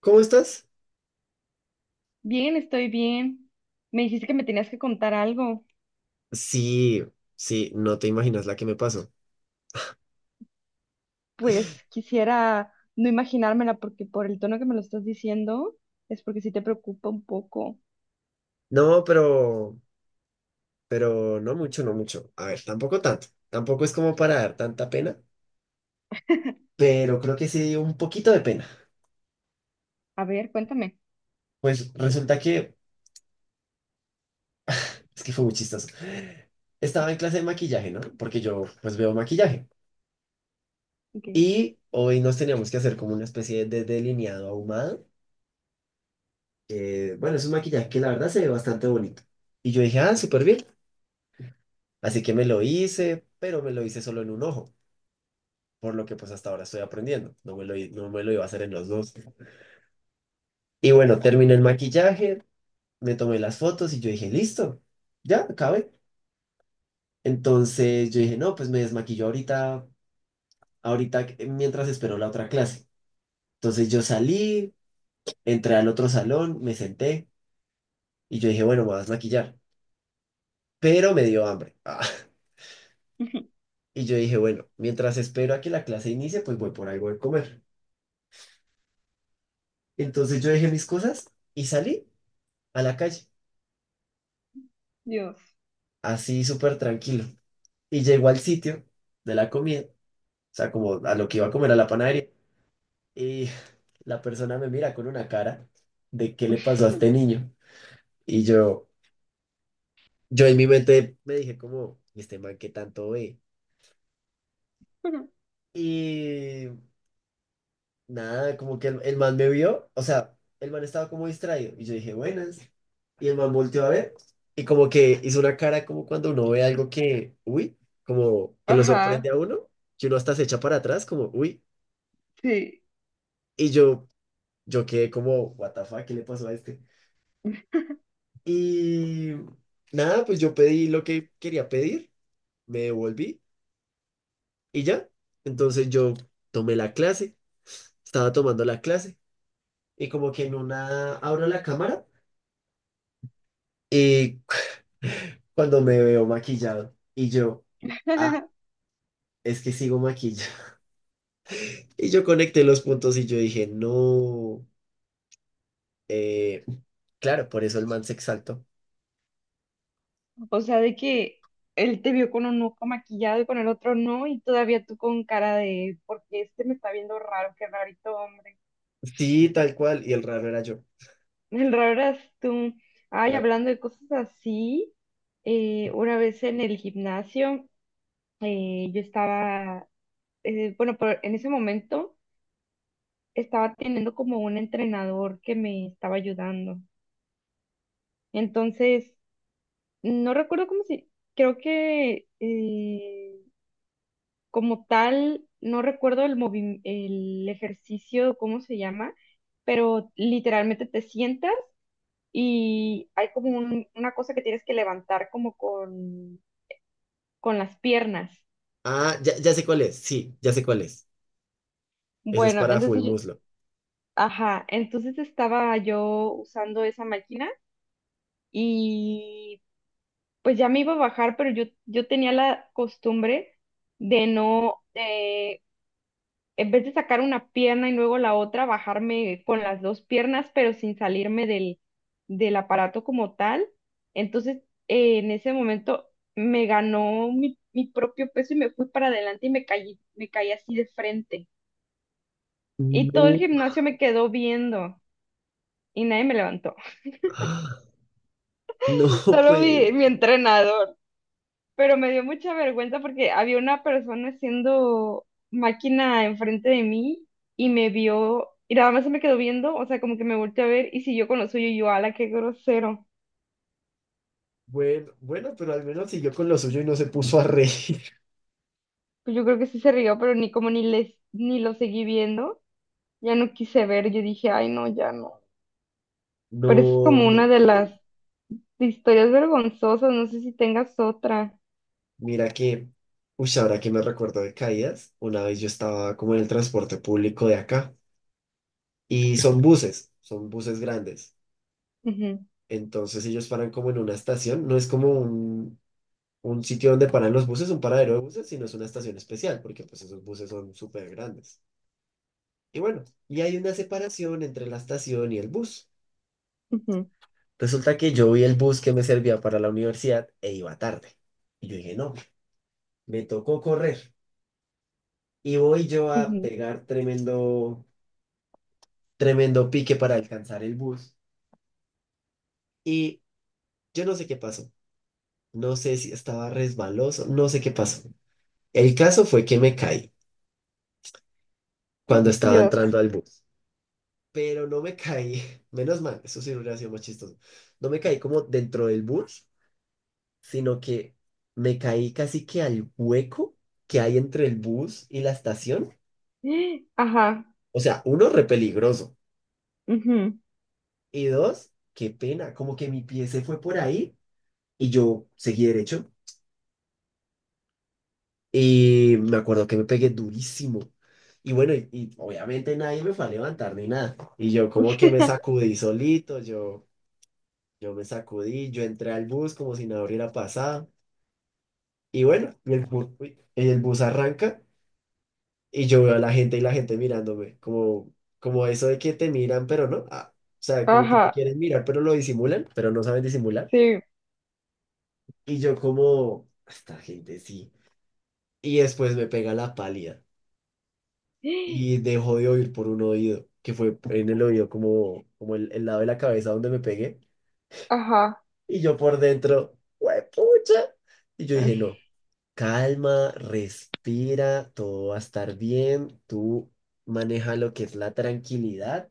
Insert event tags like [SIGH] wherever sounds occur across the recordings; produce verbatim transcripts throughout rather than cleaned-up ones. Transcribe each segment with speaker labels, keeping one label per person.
Speaker 1: ¿Cómo estás?
Speaker 2: Bien, estoy bien. Me dijiste que me tenías que contar algo.
Speaker 1: Sí, sí, no te imaginas la que me pasó.
Speaker 2: Pues quisiera no imaginármela porque por el tono que me lo estás diciendo es porque sí te preocupa un poco.
Speaker 1: No, pero, pero no mucho, no mucho. A ver, tampoco tanto. Tampoco es como para dar tanta pena, pero creo que sí dio un poquito de pena.
Speaker 2: A ver, cuéntame.
Speaker 1: Pues resulta que, es que fue muy chistoso. Estaba en clase de maquillaje, ¿no? Porque yo, pues veo maquillaje.
Speaker 2: Ok.
Speaker 1: Y hoy nos teníamos que hacer como una especie de delineado ahumado. Eh, bueno, es un maquillaje que la verdad se ve bastante bonito. Y yo dije, ah, súper bien. Así que me lo hice, pero me lo hice solo en un ojo, por lo que pues hasta ahora estoy aprendiendo. No me lo, i- no me lo iba a hacer en los dos. Y bueno, terminé el maquillaje, me tomé las fotos y yo dije, listo, ya, acabé. Entonces yo dije, no, pues me desmaquillo ahorita, ahorita que- mientras espero la otra clase. Entonces yo salí, entré al otro salón, me senté y yo dije, bueno, me voy a desmaquillar. Pero me dio hambre. [LAUGHS] Ah.
Speaker 2: [LAUGHS]
Speaker 1: Y yo dije, bueno, mientras espero a que la clase inicie, pues voy por algo de comer. Entonces yo dejé mis cosas y salí a la calle,
Speaker 2: Dios.
Speaker 1: así súper tranquilo. Y llegó al sitio de la comida, o sea, como a lo que iba a comer a la panadería. Y la persona me mira con una cara de qué le pasó a este niño. Y yo, yo en mi mente me dije como, "¿Y este man qué tanto ve?"
Speaker 2: [LAUGHS]
Speaker 1: Y nada, como que el, el man me vio, o sea, el man estaba como distraído. Y yo dije, buenas. Y el man volteó a ver. Y como que hizo una cara como cuando uno ve algo que, uy, como que lo sorprende
Speaker 2: Ajá,
Speaker 1: a uno, que uno hasta se echa para atrás, como, uy.
Speaker 2: sí.
Speaker 1: Y yo yo quedé como, what the fuck, ¿qué le pasó a este? Y nada, pues yo pedí lo que quería pedir, me devolví y ya. Entonces yo tomé la clase, estaba tomando la clase y como que en una abro la cámara y [LAUGHS] cuando me veo maquillado y yo, ah,
Speaker 2: [LAUGHS]
Speaker 1: es que sigo maquillado. [LAUGHS] Y yo conecté los puntos y yo dije, no, eh, claro, por eso el man se exaltó.
Speaker 2: O sea, de que él te vio con un ojo maquillado y con el otro no, y todavía tú con cara de, porque este me está viendo raro, qué rarito hombre.
Speaker 1: Sí, tal cual. Y el raro era yo.
Speaker 2: El raro tú. Ay,
Speaker 1: Era.
Speaker 2: hablando de cosas así, eh, una vez en el gimnasio, eh, yo estaba, eh, bueno, pero en ese momento estaba teniendo como un entrenador que me estaba ayudando. Entonces, no recuerdo cómo se creo que eh, como tal, no recuerdo el movi- el ejercicio, cómo se llama, pero literalmente te sientas y hay como un- una cosa que tienes que levantar como con, con las piernas.
Speaker 1: Ah, ya, ya sé cuál es. Sí, ya sé cuál es. Ese es
Speaker 2: Bueno,
Speaker 1: para full
Speaker 2: entonces yo-
Speaker 1: muslo.
Speaker 2: ajá, entonces estaba yo usando esa máquina y pues ya me iba a bajar, pero yo, yo tenía la costumbre de no, en vez de sacar una pierna y luego la otra, bajarme con las dos piernas, pero sin salirme del, del aparato como tal. Entonces, eh, en ese momento me ganó mi, mi propio peso y me fui para adelante y me caí, me caí así de frente. Y todo el
Speaker 1: No. [LAUGHS]
Speaker 2: gimnasio me quedó viendo y nadie me levantó,
Speaker 1: Ah. No,
Speaker 2: [LAUGHS] solo
Speaker 1: pues.
Speaker 2: mi, mi entrenador. Pero me dio mucha vergüenza porque había una persona haciendo máquina enfrente de mí y me vio y nada más se me quedó viendo, o sea, como que me volteó a ver y siguió con lo suyo y yo, ala, qué grosero.
Speaker 1: Bueno, bueno, pero al menos siguió con lo suyo y no se puso a reír. [LAUGHS]
Speaker 2: Pues yo creo que sí se rió, pero ni como ni les ni lo seguí viendo, ya no quise ver, yo dije, ay, no, ya no. Pero es
Speaker 1: No,
Speaker 2: como
Speaker 1: no,
Speaker 2: una de
Speaker 1: pues.
Speaker 2: las historias vergonzosas, no sé si tengas otra.
Speaker 1: Mira que. Uy, ahora que me recuerdo de caídas, una vez yo estaba como en el transporte público de acá. Y son buses, son buses grandes.
Speaker 2: Ujú,
Speaker 1: Entonces ellos paran como en una estación. No es como un, un sitio donde paran los buses, un paradero de buses, sino es una estación especial, porque pues esos buses son súper grandes. Y bueno, y hay una separación entre la estación y el bus.
Speaker 2: ujú,
Speaker 1: Resulta que yo vi el bus que me servía para la universidad e iba tarde. Y yo dije, no, me tocó correr. Y voy yo a
Speaker 2: ujú.
Speaker 1: pegar tremendo, tremendo pique para alcanzar el bus. Y yo no sé qué pasó. No sé si estaba resbaloso, no sé qué pasó. El caso fue que me caí cuando estaba
Speaker 2: Dios.
Speaker 1: entrando al bus. Pero no me caí, [LAUGHS] menos mal, eso sí hubiera sido más chistoso. No me caí como dentro del bus, sino que me caí casi que al hueco que hay entre el bus y la estación.
Speaker 2: [GASPS] Ajá.
Speaker 1: O sea, uno, re peligroso.
Speaker 2: Ujú.
Speaker 1: Y dos, qué pena, como que mi pie se fue por ahí y yo seguí derecho. Y me acuerdo que me pegué durísimo. Y bueno, y, y obviamente nadie me fue a levantar ni nada. Y yo como que me
Speaker 2: [LAUGHS]
Speaker 1: sacudí solito, yo, yo me sacudí, yo entré al bus como si nada hubiera pasado. Y bueno, y el bus, uy, el bus arranca. Y yo veo a la gente y la gente mirándome, como, como eso de que te miran, pero no. Ah, o sea, como que te
Speaker 2: Ajá,
Speaker 1: quieren mirar, pero lo disimulan, pero no saben disimular. Y yo como, esta gente sí. Y después me pega la pálida
Speaker 2: sí.
Speaker 1: y dejo de oír por un oído, que fue en el oído como, como el, el lado de la cabeza donde me pegué.
Speaker 2: Ajá.
Speaker 1: Y yo por dentro, ¡pucha! Y yo dije,
Speaker 2: es-
Speaker 1: no, calma, respira, todo va a estar bien, tú maneja lo que es la tranquilidad.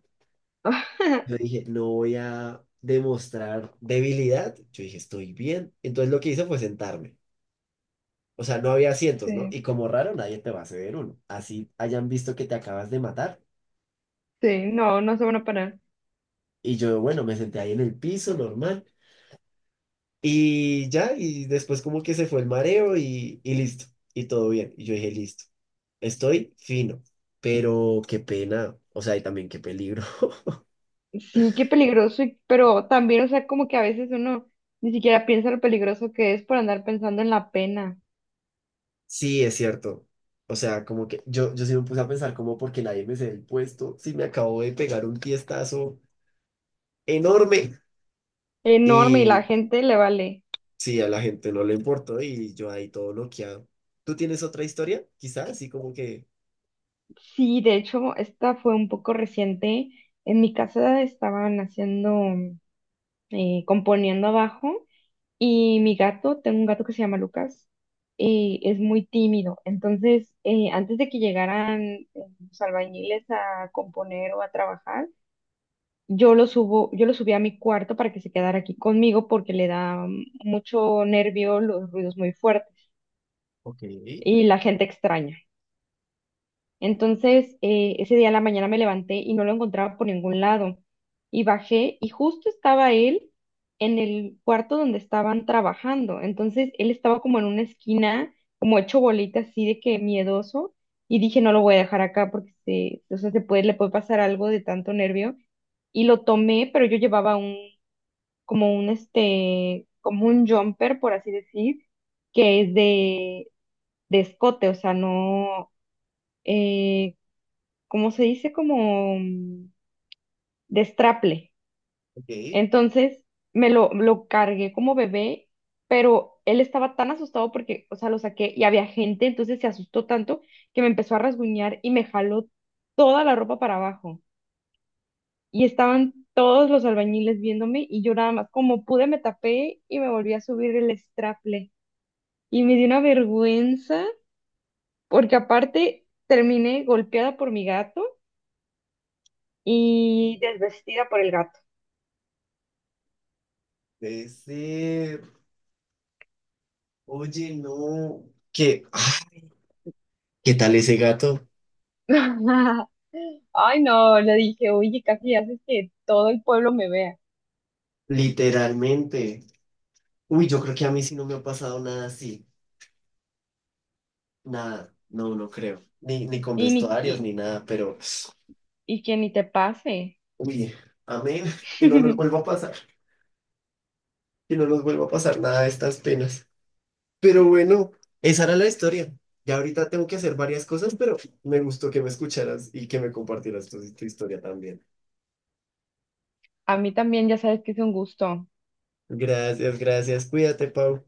Speaker 1: Yo
Speaker 2: [LAUGHS]
Speaker 1: dije, no voy a demostrar debilidad. Yo dije, estoy bien. Entonces lo que hice fue sentarme. O sea, no había asientos, ¿no?
Speaker 2: Sí,
Speaker 1: Y como raro, nadie te va a ceder uno. Así hayan visto que te acabas de matar.
Speaker 2: sí, no, no se van a parar.
Speaker 1: Y yo, bueno, me senté ahí en el piso, normal. Y ya, y después como que se fue el mareo y, y listo. Y todo bien. Y yo dije, listo. Estoy fino. Pero qué pena. O sea, y también qué peligro. [LAUGHS]
Speaker 2: Sí, qué peligroso, y- pero también, o sea, como que a veces uno ni siquiera piensa lo peligroso que es por andar pensando en la pena.
Speaker 1: Sí, es cierto. O sea, como que yo, yo sí me puse a pensar como porque nadie me cede el puesto, sí me acabo de pegar un tiestazo enorme.
Speaker 2: Enorme, y la
Speaker 1: Y
Speaker 2: gente le vale.
Speaker 1: sí, a la gente no le importó y yo ahí todo bloqueado. ¿Tú tienes otra historia? Quizás, así como que,
Speaker 2: Sí, de hecho, esta fue un poco reciente. En mi casa estaban haciendo, eh, componiendo abajo. Y mi gato, tengo un gato que se llama Lucas, eh, es muy tímido. Entonces, eh, antes de que llegaran eh, los albañiles a componer o a trabajar, yo lo subo, yo lo subí a mi cuarto para que se quedara aquí conmigo porque le da mm, mucho nervio los ruidos muy fuertes
Speaker 1: ok,
Speaker 2: y la gente extraña. Entonces, eh, ese día en la mañana me levanté y no lo encontraba por ningún lado. Y bajé y justo estaba él en el cuarto donde estaban trabajando. Entonces, él estaba como en una esquina, como hecho bolita así de que miedoso. Y dije, no lo voy a dejar acá porque se, o sea, se puede, le puede pasar algo de tanto nervio. Y lo tomé, pero yo llevaba un, como un, este, como un jumper, por así decir, que es de, de escote, o sea, no, eh, como se dice, como mm, destraple.
Speaker 1: ok,
Speaker 2: Entonces me lo, lo cargué como bebé, pero él estaba tan asustado porque, o sea, lo saqué y había gente, entonces se asustó tanto que me empezó a rasguñar y me jaló toda la ropa para abajo. Y estaban todos los albañiles viéndome y yo nada más, como pude, me tapé y me volví a subir el straple. Y me dio una vergüenza porque aparte terminé golpeada por mi gato y desvestida por el gato.
Speaker 1: puede ser. Oye, no, ¿qué, ah, qué tal ese gato?
Speaker 2: [LAUGHS] Ay, no, le dije, oye, casi haces que todo el pueblo me vea.
Speaker 1: Literalmente. Uy, yo creo que a mí sí no me ha pasado nada así, nada, no, no creo, ni, ni con
Speaker 2: Y, ni,
Speaker 1: vestuarios
Speaker 2: y,
Speaker 1: ni nada, pero...
Speaker 2: y que ni te pase.
Speaker 1: Uy, amén, que no nos vuelva a
Speaker 2: [LAUGHS]
Speaker 1: pasar, que no nos vuelva a pasar nada de estas penas. Pero bueno, esa era la historia. Ya ahorita tengo que hacer varias cosas, pero me gustó que me escucharas y que me compartieras tu, tu historia también.
Speaker 2: A mí también ya sabes que es un gusto.
Speaker 1: Gracias, gracias. Cuídate, Pau.